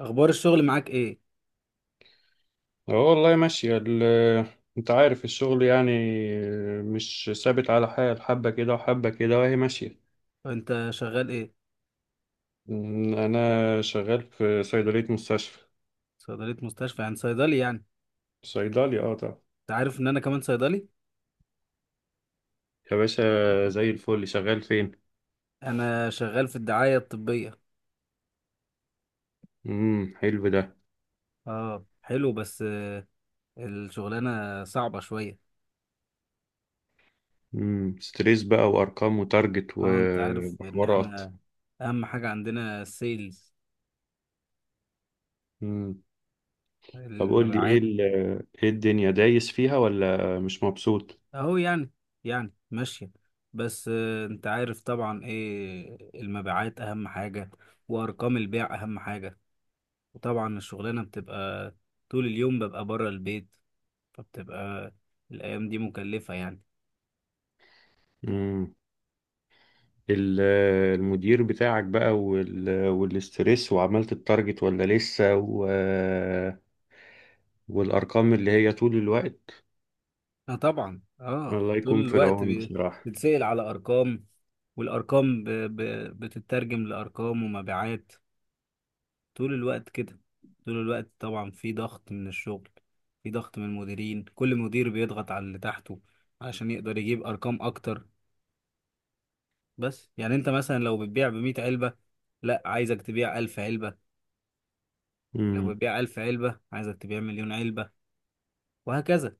اخبار الشغل معاك ايه؟ اه، والله ماشية انت عارف الشغل يعني مش ثابت على حال، حبة كده وحبة كده وهي ماشية. انت شغال ايه؟ انا شغال في صيدلية مستشفى. صيدليه مستشفى، يعني صيدلي يعني؟ صيدلي، اه طبعا. انت عارف ان انا كمان صيدلي. يا باشا، زي الفل. شغال فين؟ انا شغال في الدعايه الطبيه. امم، حلو ده. اه، حلو بس الشغلانه صعبه شويه. ستريس بقى، وارقام وتارجت اه، انت عارف ان وحوارات. احنا اهم حاجه عندنا السيلز، امم. طب قول لي ايه المبيعات. ايه الدنيا، دايس فيها ولا مش مبسوط؟ اهو يعني، يعني ماشيه. بس انت عارف طبعا ايه المبيعات اهم حاجه، وارقام البيع اهم حاجه. وطبعا الشغلانه بتبقى طول اليوم ببقى بره البيت، فبتبقى الأيام دي مكلفة يعني. ال- المدير بتاعك بقى والاسترس، وعملت التارجت ولا لسه، والأرقام اللي هي طول الوقت. اه طبعا، اه الله يكون طول في الوقت العون بصراحة. بتسأل على أرقام. والأرقام بتترجم لأرقام ومبيعات طول الوقت كده. طول الوقت طبعا في ضغط من الشغل، في ضغط من المديرين، كل مدير بيضغط على اللي تحته علشان يقدر يجيب أرقام أكتر. بس يعني أنت مثلا لو بتبيع ب100 علبة، لا عايزك تبيع 1000 علبة. لو مم. بتبيع 1000 علبة عايزك تبيع مليون علبة، وهكذا.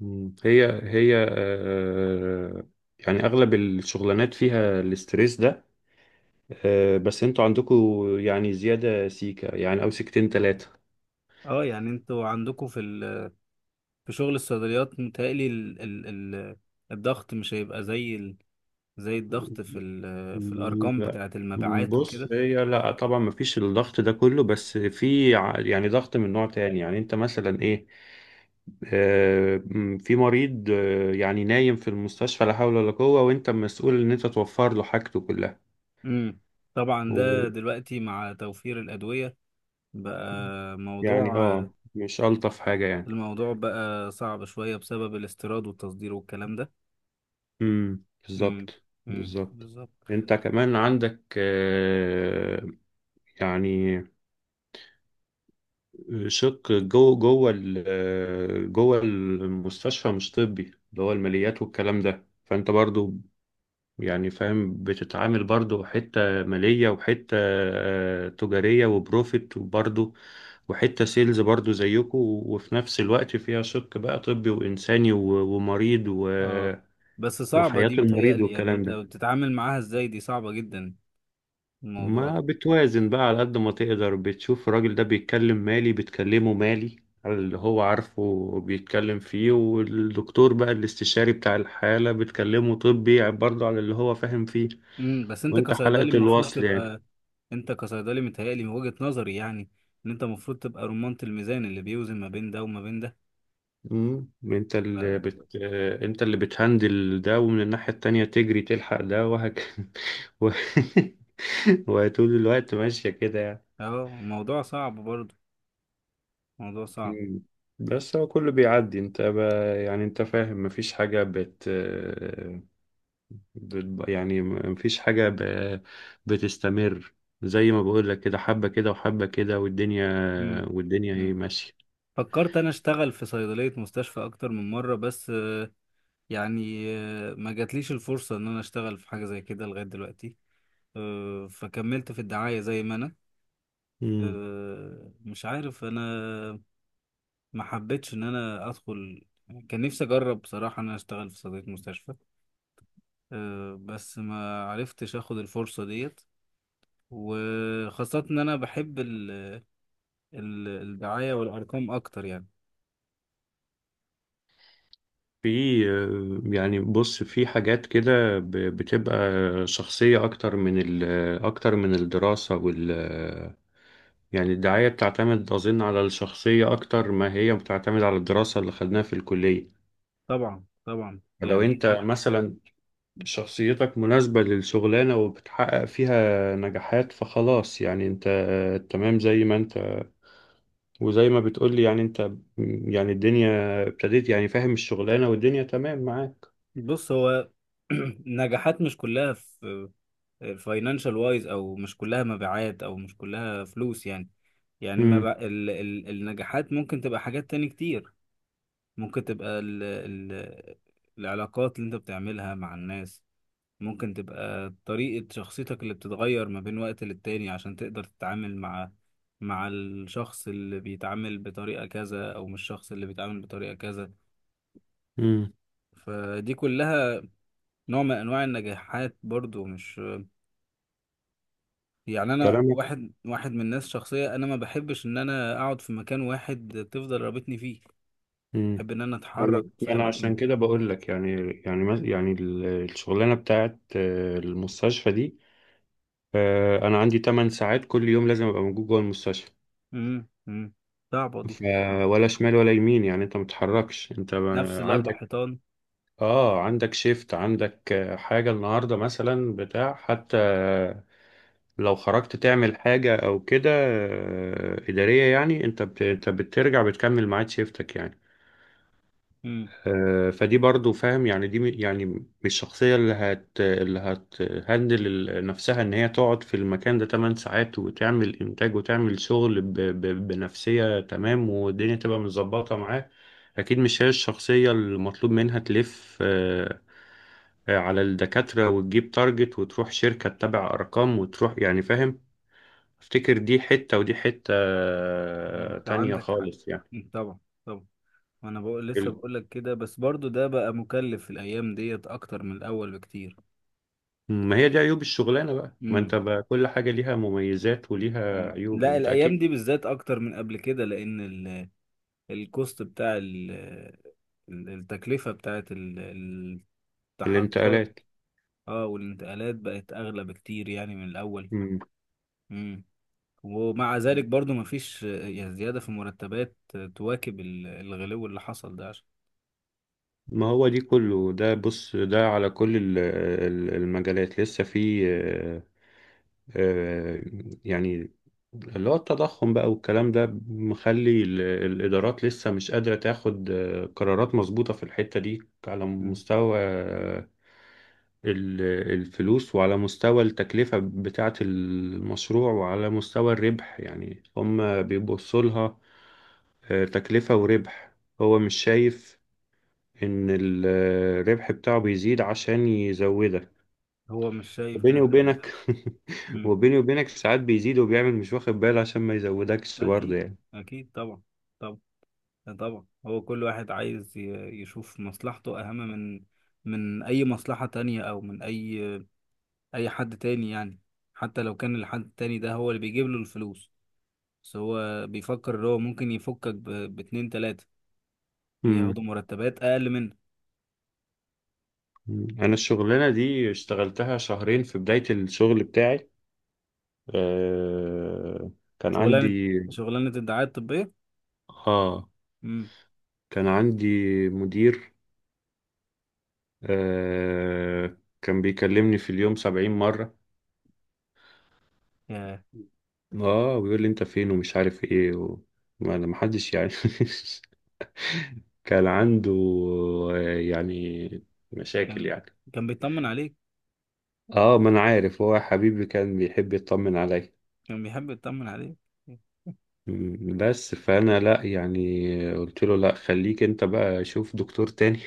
مم. هي هي، يعني أغلب الشغلانات فيها الاسترس ده. بس انتوا عندكوا يعني زيادة سيكة، يعني أو سيكتين تلاتة. اه يعني انتوا عندكم في شغل الصيدليات متهيألي ال ال ال الضغط مش هيبقى زي الضغط في الأرقام لا، بتاعة المبيعات بص، وكده. هي لا طبعا مفيش الضغط ده كله، بس في يعني ضغط من نوع تاني. يعني انت مثلا ايه، في مريض، يعني نايم في المستشفى لا حول ولا قوة، وانت مسؤول ان انت توفر له حاجته كلها امم طبعا و... ده دلوقتي مع توفير الأدوية بقى يعني، موضوع، اه مش ألطف حاجة يعني. الموضوع بقى صعب شوية بسبب الاستيراد والتصدير والكلام ده. امم، امم، بالظبط امم، بالظبط. بالظبط. انت كمان عندك، يعني شق جوه المستشفى مش طبي، اللي هو الماليات والكلام ده. فانت برضو يعني، فاهم، بتتعامل برضو حتة مالية، وحتة تجارية وبروفيت، وبرضو وحتة سيلز برضو زيكم، وفي نفس الوقت فيها شق بقى طبي وإنساني، ومريض اه بس صعبة وحياة دي، المريض متهيألي يعني والكلام انت ده. بتتعامل معاها ازاي؟ دي صعبة جدا الموضوع ما ده. بتوازن بقى على قد ما تقدر. بتشوف الراجل ده بيتكلم مالي، بتكلمه مالي على اللي هو عارفه بيتكلم فيه، والدكتور بقى الاستشاري بتاع الحالة بتكلمه طبي برضه على اللي هو فاهم فيه، امم، بس انت وانت حلقة كصيدلي المفروض الوصل يعني. تبقى، انت كصيدلي متهيألي من وجهة نظري يعني ان انت المفروض تبقى رمانة الميزان اللي بيوزن ما بين ده وما بين ده. مم. ف- انت اللي بتهندل ده، ومن الناحية التانية تجري تلحق ده و... وطول الوقت ماشية كده يعني. اه، موضوع صعب برضه، موضوع صعب. مم. بس هو كله بيعدي. يعني انت فاهم، مفيش حاجة يعني مفيش حاجة بتستمر. زي ما بقول لك كده، حبة كده وحبة كده، والدنيا، امم. والدنيا هي امم. ماشية. فكرت انا اشتغل في صيدلية مستشفى اكتر من مرة بس يعني ما جاتليش الفرصة ان انا اشتغل في حاجة زي كده لغاية دلوقتي. فكملت في الدعاية زي ما انا. مش عارف انا ما حبيتش ان انا ادخل. كان نفسي اجرب بصراحة ان انا اشتغل في صيدلية مستشفى. بس ما عرفتش اخد الفرصة ديت، وخاصة ان انا بحب الدعاية والارقام اكتر يعني. في، يعني بص في حاجات كده بتبقى شخصية أكتر من أكتر من الدراسة يعني الدعاية بتعتمد أظن على الشخصية أكتر ما هي بتعتمد على الدراسة اللي خدناها في الكلية. طبعا طبعا، فلو يعني أنت انا مثلا شخصيتك مناسبة للشغلانة وبتحقق فيها نجاحات، فخلاص يعني أنت، تمام زي ما أنت، وزي ما بتقولي يعني أنت، يعني الدنيا ابتديت يعني، فاهم، الشغلانة والدنيا تمام معاك. بص هو نجاحات مش كلها في فاينانشال وايز، او مش كلها مبيعات، او مش كلها فلوس يعني. يعني ما ب... امم. ال... ال... النجاحات ممكن تبقى حاجات تاني كتير. ممكن تبقى ال ال العلاقات اللي انت بتعملها مع الناس. ممكن تبقى طريقة شخصيتك اللي بتتغير ما بين وقت للتاني عشان تقدر تتعامل مع مع الشخص اللي بيتعامل بطريقة كذا، أو مش الشخص اللي بيتعامل بطريقة كذا. امم. فدي كلها نوع من أنواع النجاحات برضو، مش يعني. أنا كلامك. واحد من الناس، شخصية أنا ما بحبش إن أنا أقعد في مكان واحد تفضل رابطني فيه. بحب إن أنا انا أتحرك يعني في أنا عشان أماكن. كده بقول لك يعني. يعني يعني الشغلانه بتاعت، المستشفى دي، انا عندي 8 ساعات كل يوم لازم ابقى موجود جوه المستشفى. امم صعبة دي، ف- ولا شمال ولا يمين. يعني انت ما بتتحركش. انت نفس الاربع عندك، حيطان. اه عندك شيفت، عندك حاجه النهارده مثلا بتاع حتى لو خرجت تعمل حاجه او كده اداريه، يعني انت انت بترجع بتكمل ميعاد شيفتك يعني. امم فدي برضو، فاهم، يعني دي يعني مش الشخصية اللي هتهندل نفسها ان هي تقعد في المكان ده 8 ساعات وتعمل انتاج وتعمل شغل بنفسية تمام والدنيا تبقى متظبطة معاه. اكيد مش هي الشخصية المطلوب منها تلف، على الدكاترة وتجيب تارجت وتروح شركة تتابع ارقام وتروح، يعني فاهم. افتكر دي حتة ودي حتة انت تانية عندك حق. خالص مم، طبعا. طبعا. وانا بقول لسه يعني. بقول لك كده، بس برضو ده بقى مكلف في الايام ديت اكتر من الاول بكتير. ما هي دي عيوب الشغلانة بقى. ما امم انت بقى كل حاجة ليها مميزات وليها عيوب، لا، انت الايام دي اكيد. بالذات اكتر من قبل كده لان الكوست بتاع التكلفة بتاعت التحركات. الانتقالات. اه، والانتقالات بقت اغلى بكتير يعني من الاول. مم. امم. ومع ذلك برضو مفيش يعني زيادة في مرتبات تواكب الغلو اللي حصل ده عشان. ما هو دي كله ده، بص ده على كل المجالات لسه في، آه، يعني اللي هو التضخم بقى والكلام ده مخلي الإدارات لسه مش قادرة تاخد قرارات مظبوطة في الحتة دي، على مم. مستوى ال- الفلوس، وعلى مستوى التكلفة بتاعة المشروع، وعلى مستوى الربح. يعني هم بيبصوا لها تكلفة وربح. هو مش شايف إن الربح بتاعه بيزيد عشان يزودك. هو مش شايف وبيني ده حقيقي. وبينك، مم. وبيني وبينك ساعات بيزيد، وبيعمل مش واخد باله عشان ما يزودكش برضه أكيد، يعني. أكيد طبعا، طبعا. طبعا هو كل واحد عايز يشوف مصلحته أهم من من أي مصلحة تانية أو من أي أي حد تاني يعني، حتى لو كان الحد التاني ده هو اللي بيجيب له الفلوس. بس هو بيفكر إن هو ممكن يفكك باتنين تلاتة ياخدوا مم. مرتبات أقل منه. أنا الشغلانة دي اشتغلتها شهرين في بداية الشغل بتاعي. آه، كان عندي، شغلانة شغلانة الدعاية الطبية. اه مم. كان عندي مدير آه كان بيكلمني في اليوم 70 مرة. يا اه ويقول لي انت فين ومش عارف ايه ما انا محدش يعني. كان عنده، يعني مشاكل كان، يعني. كان بيطمن عليك. اه، ما انا عارف، هو حبيبي كان بيحب يطمن عليا. كان بيحب يطمن عليك. بس فانا لا يعني. قلت له لا خليك انت بقى شوف دكتور تاني.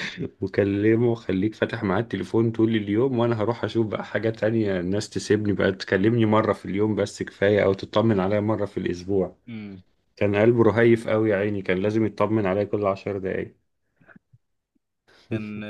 وكلمه خليك فاتح معاه التليفون طول اليوم، وانا هروح اشوف بقى حاجة تانية. الناس تسيبني بقى، تكلمني مرة في اليوم بس كفاية، او تطمن عليا مرة في الاسبوع. مم. كان قلبه رهيف قوي يا عيني، كان لازم يطمن عليا كل 10 دقايق. كان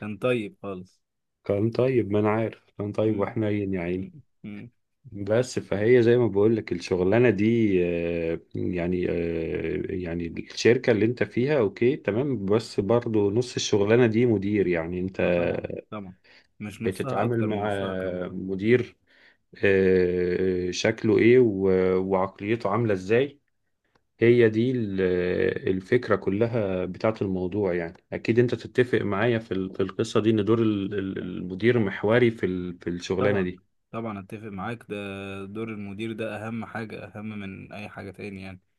كان طيب خالص. كان طيب، ما انا عارف، كان طيب مم. وحنين يا عيني. مم. مم. بس فهي زي ما بقول لك الشغلانه دي، يعني الشركه اللي انت فيها اوكي تمام، بس برضو نص الشغلانه دي مدير. يعني انت اه طبعا طبعا، مش نصها بتتعامل اكتر مع من نصها كمان. مدير، شكله ايه وعقليته عامله ازاي. هي دي الفكره كلها بتاعت الموضوع يعني. اكيد انت تتفق معايا في في القصه دي، ان دور المدير محوري في في الشغلانه طبعا، دي. طبعا اتفق معاك ده، دور المدير ده اهم حاجة اهم من اي حاجة تاني يعني.